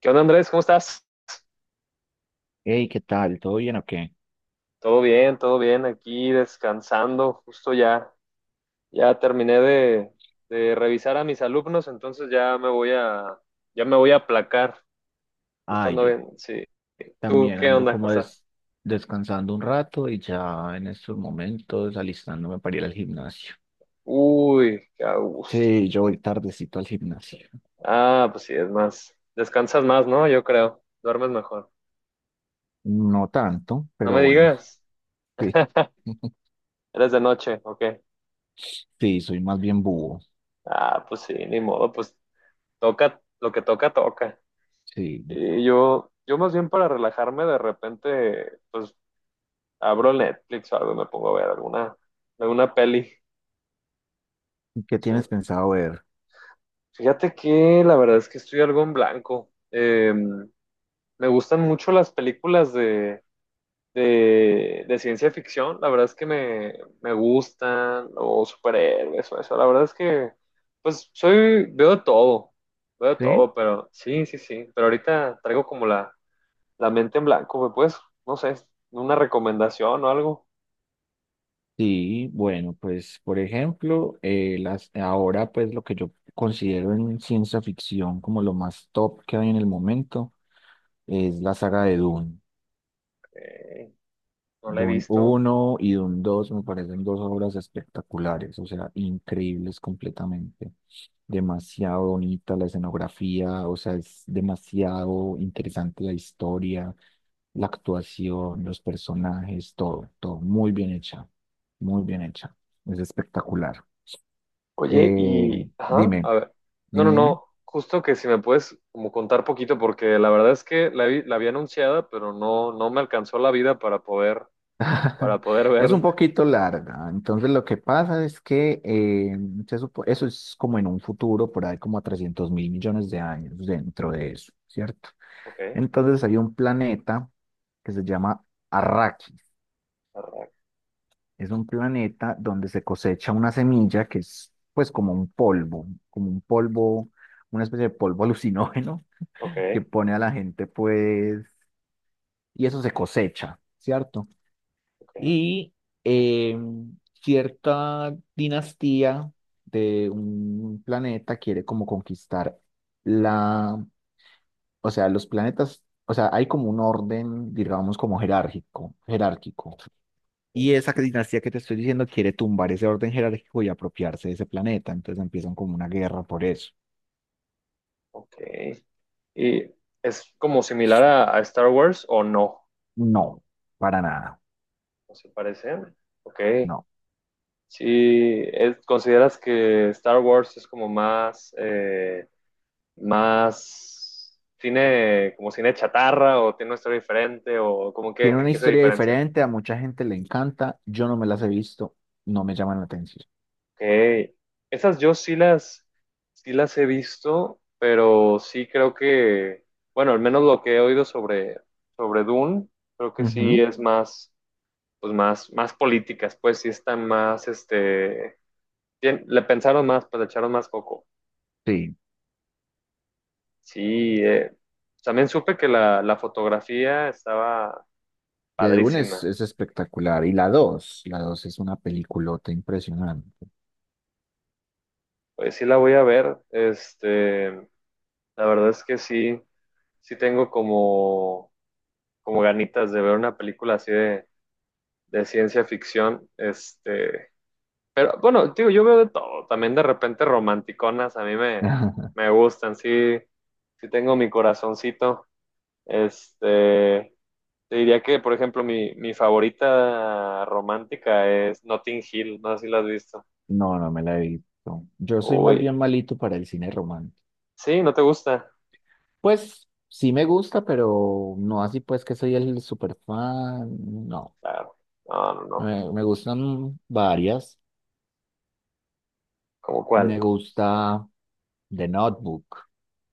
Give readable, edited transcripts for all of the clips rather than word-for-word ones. ¿Qué onda, Andrés? ¿Cómo estás? Hey, ¿qué tal? ¿Todo bien o qué? Todo bien, aquí descansando, justo ya terminé de revisar a mis alumnos, entonces ya me voy a aplacar, justo Ay, ando yo bien, sí. ¿Tú también qué ando onda, como cosas? descansando un rato y ya en estos momentos alistándome para ir al gimnasio. Uy, qué a gusto. Sí, yo voy tardecito al gimnasio. Ah, pues sí, es más, descansas más, ¿no? Yo creo, duermes mejor. No tanto, No pero me bueno, digas, sí. eres de noche, ¿ok? Sí, soy más bien búho. Ah, pues sí, ni modo, pues toca, lo que toca, toca. Sí. Y yo más bien para relajarme, de repente, pues abro Netflix o algo, y me pongo a ver alguna peli. ¿Qué Sí. tienes pensado ver? Fíjate que la verdad es que estoy algo en blanco. Me gustan mucho las películas de ciencia ficción, la verdad es que me gustan, o superhéroes, o eso. La verdad es que, pues, veo de todo, veo de ¿Sí? todo, pero sí, sí, sí. Pero ahorita traigo como la mente en blanco, pues, no sé, una recomendación o algo. Sí, bueno, pues por ejemplo, ahora pues lo que yo considero en ciencia ficción como lo más top que hay en el momento es la saga de Dune. Eh, no la he Dune visto. uno y Dune dos me parecen dos obras espectaculares, o sea, increíbles completamente. Demasiado bonita la escenografía, o sea, es demasiado interesante la historia, la actuación, los personajes, todo, todo muy bien hecha, muy bien hecha. Es espectacular. Oye, Eh, y, ajá, dime, a ver. No, no, dime, dime. no. Justo que si me puedes como contar poquito, porque la verdad es que la había anunciada, pero no, no me alcanzó la vida para poder, para poder Es verla. un poquito larga. Entonces, lo que pasa es que eso es como en un futuro, por ahí como a 300.000.000.000 de años dentro de eso, ¿cierto? Ok, Entonces, hay un planeta que se llama Arrakis. arra- Es un planeta donde se cosecha una semilla que es, pues, como un polvo, una especie de polvo alucinógeno que ok, pone a la gente, pues, y eso se cosecha, ¿cierto? ok, Y eh, cierta dinastía de un planeta quiere como conquistar la, o sea, los planetas, o sea, hay como un orden, digamos, como jerárquico, jerárquico. Y esa dinastía que te estoy diciendo quiere tumbar ese orden jerárquico y apropiarse de ese planeta, entonces empiezan como una guerra por eso. ok. ¿Y es como similar a Star Wars o no? No, para nada, ¿No se parecen? Ok. no. Sí, ¿consideras que Star Wars es como más cine, como cine chatarra o tiene una historia diferente o como que, Tiene en una qué se historia diferencian? diferente, a mucha gente le encanta, yo no me las he visto, no me llaman la atención. Ok, esas yo sí las he visto, pero sí creo que, bueno, al menos lo que he oído sobre Dune, creo que sí Ujú, es más políticas, pues sí están más, este, le pensaron más, pues le echaron más coco. sí. Sí, también supe que la fotografía estaba De Dune es, padrísima. es espectacular. Y la dos es una peliculota impresionante. Pues sí la voy a ver. Este, la verdad es que sí, sí tengo como ganitas de ver una película así de ciencia ficción. Este, pero bueno, digo, yo veo de todo. También de repente romanticonas a mí me, me gustan. Sí, sí tengo mi corazoncito. Este, te diría que, por ejemplo, mi favorita romántica es Notting Hill, no sé si la has visto. No, no me la he visto. Yo soy más Uy, bien malito para el cine romántico. sí, ¿no te gusta? Pues sí me gusta, pero no así pues que soy el super fan. No, Claro, no, no, no. me gustan varias. ¿Cómo Me cuál? gusta The Notebook.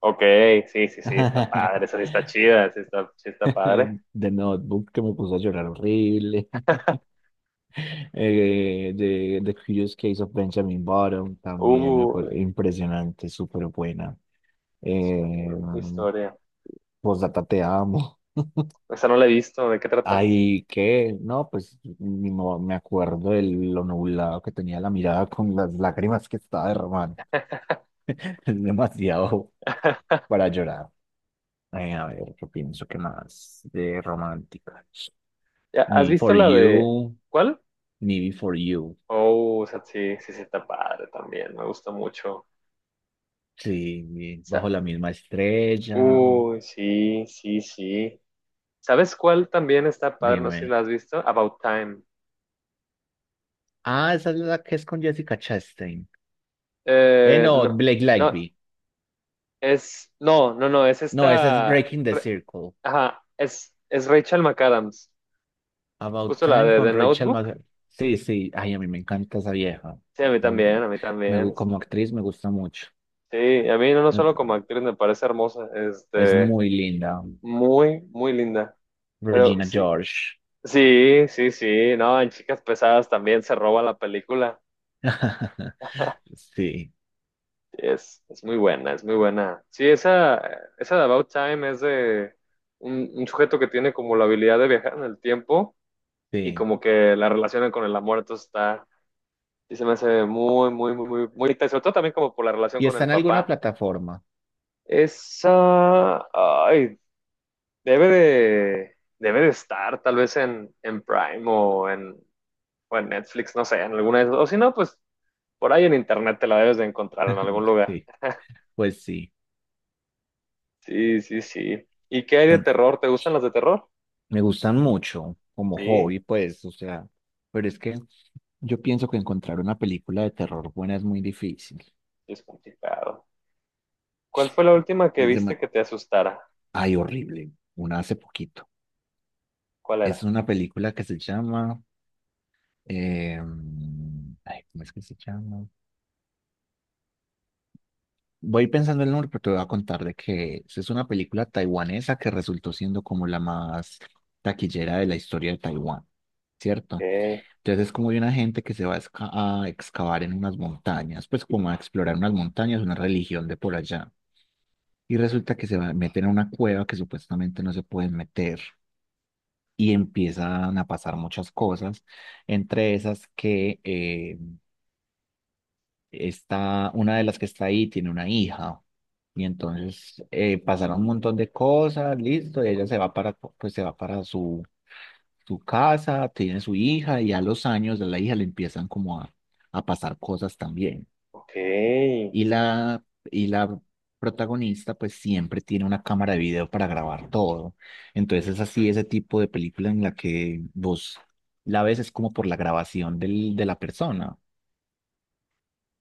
Ok, sí, sí, sí, está padre, esa sí está chida, sí está padre. The Notebook que me puso a llorar horrible. De The Curious Case of Benjamin Button, también Uy, impresionante, súper buena. Eh, qué historia. Postdata te amo. Esa no la he visto, ¿de qué trata? Ahí que, no, pues ni mo- me acuerdo de lo nublado que tenía la mirada con las lágrimas que estaba derramando. Es demasiado para llorar. A ver, yo pienso que más de romántica. Ya, ¿has Me visto Before la de You, cuál? Me Before You. Oh, o sea, sí, sí, sí, está padre también, me gusta mucho. O Sí, Bajo sea, la misma estrella. uy, sí, sí, sí. ¿Sabes cuál también está padre? No sé si Dime. la has visto. About Time. Ah, esa es la que es con Jessica Chastain. No, No, Blake no, Lively. es, no, no, no, es No, esa es esta, Breaking the Circle. ajá, es Rachel McAdams. About Justo la Time de con The Rachel Notebook. McAdams. Sí, sí. Ay, a mí me encanta esa vieja. Sí, a mí La- también, a mí también. Como actriz me gusta mucho. Sí, a mí no, no solo como Me- actriz me parece hermosa, Es este, muy linda. muy, muy linda. Pero Regina sí, George. sí, sí, sí, no, en Chicas Pesadas también se roba la película. Sí, Es muy buena, es muy buena. Sí, esa de About Time es de un sujeto que tiene como la habilidad de viajar en el tiempo y sí. como que la relaciona con el amor, entonces está, y se me hace muy, muy, muy, muy, muy bonita, y sobre todo también como por la relación ¿Y con está el en alguna papá. plataforma? Esa, ay, debe de estar tal vez en Prime o o en Netflix, no sé, en alguna de esas, o si no, pues por ahí en internet te la debes de encontrar en algún lugar. Sí, pues sí. Sí, sí, sí. ¿Y qué hay de terror? ¿Te gustan las de terror? Me gustan mucho como Sí, hobby, pues, o sea, pero es que yo pienso que encontrar una película de terror buena es muy difícil. es complicado. ¿Cuál fue la última que Es de... viste que te asustara? Ay, horrible. Una hace poquito. ¿Cuál Es era? una película que se llama... eh, ay, ¿cómo es que se llama? Voy pensando el nombre, pero te voy a contar de que es. Es una película taiwanesa que resultó siendo como la más taquillera de la historia de Taiwán, ¿cierto? Ok, Entonces es como de una gente que se va a excavar en unas montañas, pues como a explorar unas montañas, una religión de por allá. Y resulta que se va a meter en una cueva que supuestamente no se pueden meter y empiezan a pasar muchas cosas, entre esas que está, una de las que está ahí tiene una hija. Y entonces pasaron un montón de cosas, listo, y ella se va para su casa, tiene su hija y a los años de la hija le empiezan como a pasar cosas también. ok. Y la, y la protagonista pues siempre tiene una cámara de video para grabar todo. Entonces es así ese tipo de película en la que vos la ves es como por la grabación del, de la persona.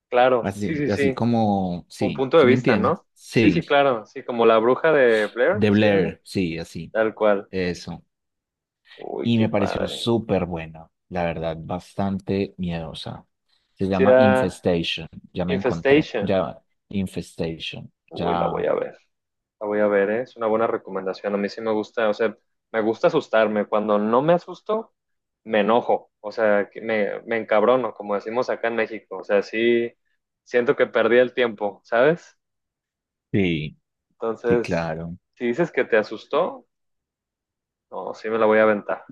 Claro, sí, Así, sí, así sí. como, Un sí, punto de ¿sí me vista, entiendes? ¿no? Sí, sí, Sí, claro. Sí, como la bruja de Blair, de ¿sí es eso? Blair, sí, así, Tal cual. eso. Uy, Y qué me pareció padre. súper buena, la verdad, bastante miedosa. Se Sí, llama era Infestation, ya me encontré, Infestation. ya, Infestation, Uy, la voy ya. a ver. La voy a ver, ¿eh? Es una buena recomendación. A mí sí me gusta, o sea, me gusta asustarme. Cuando no me asusto, me enojo. O sea, que me encabrono, como decimos acá en México. O sea, sí siento que perdí el tiempo, ¿sabes? Sí, sí, Entonces, claro. si dices que te asustó, no, sí me la voy a aventar.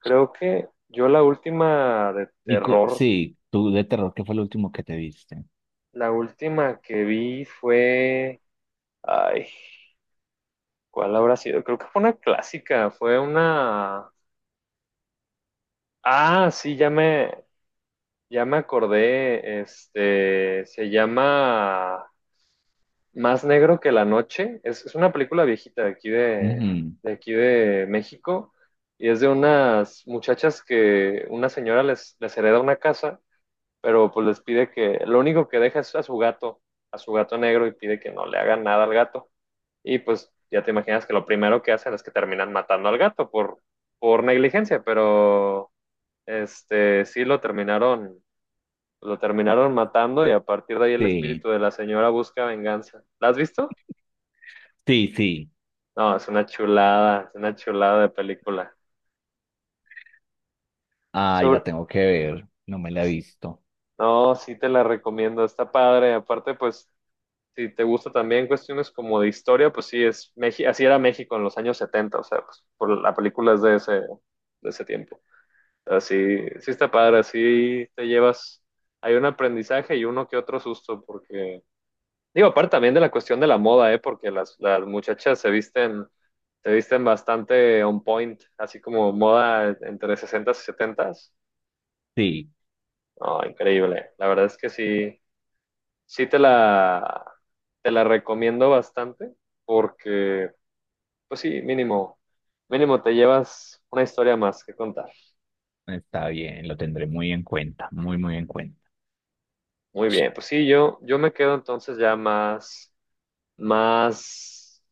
Creo que yo la última de terror, Sí, tú de terror, ¿qué fue lo último que te viste? la última que vi fue... Ay, ¿cuál habrá sido? Creo que fue una clásica, fue una... Ah, sí, ya me, ya me acordé, este, se llama Más Negro que la Noche. Es una película viejita de aquí de, Ujú, de aquí de México y es de unas muchachas que una señora les hereda una casa, pero pues les pide que lo único que deja es a su gato negro y pide que no le hagan nada al gato. Y pues ya te imaginas que lo primero que hacen es que terminan matando al gato por negligencia, pero este, sí lo terminaron matando y a partir de ahí el sí, espíritu de la señora busca venganza. ¿La has visto? sí, sí. No, es una chulada de película. Ay, la Sobre... tengo que ver, no me la he visto. No, sí te la recomiendo, está padre. Aparte, pues, si te gusta también cuestiones como de historia, pues sí, así era México en los años 70, o sea, pues, por la película es de ese, tiempo. Así, sí sí está padre, así te llevas, hay un aprendizaje y uno que otro susto, porque digo, aparte también de la cuestión de la moda, ¿eh? Porque las muchachas se visten bastante on point, así como moda entre 60 y 70. Sí, No, increíble. La verdad es que sí, sí te la recomiendo bastante porque, pues sí, mínimo, mínimo te llevas una historia más que contar. está bien, lo tendré muy en cuenta, muy, muy en cuenta. Muy bien, pues sí, yo me quedo entonces ya más,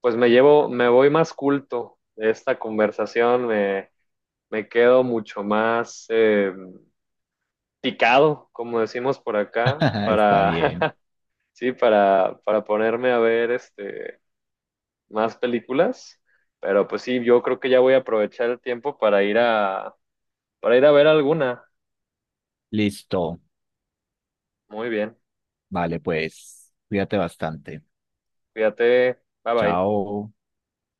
pues me llevo, me voy más culto de esta conversación, me quedo mucho más picado, como decimos por acá, Está para, bien. sí, para, ponerme a ver este, más películas. Pero pues sí, yo creo que ya voy a aprovechar el tiempo para ir a, ver alguna. Listo. Muy bien, Vale, pues, cuídate bastante. cuídate, bye bye. Chao.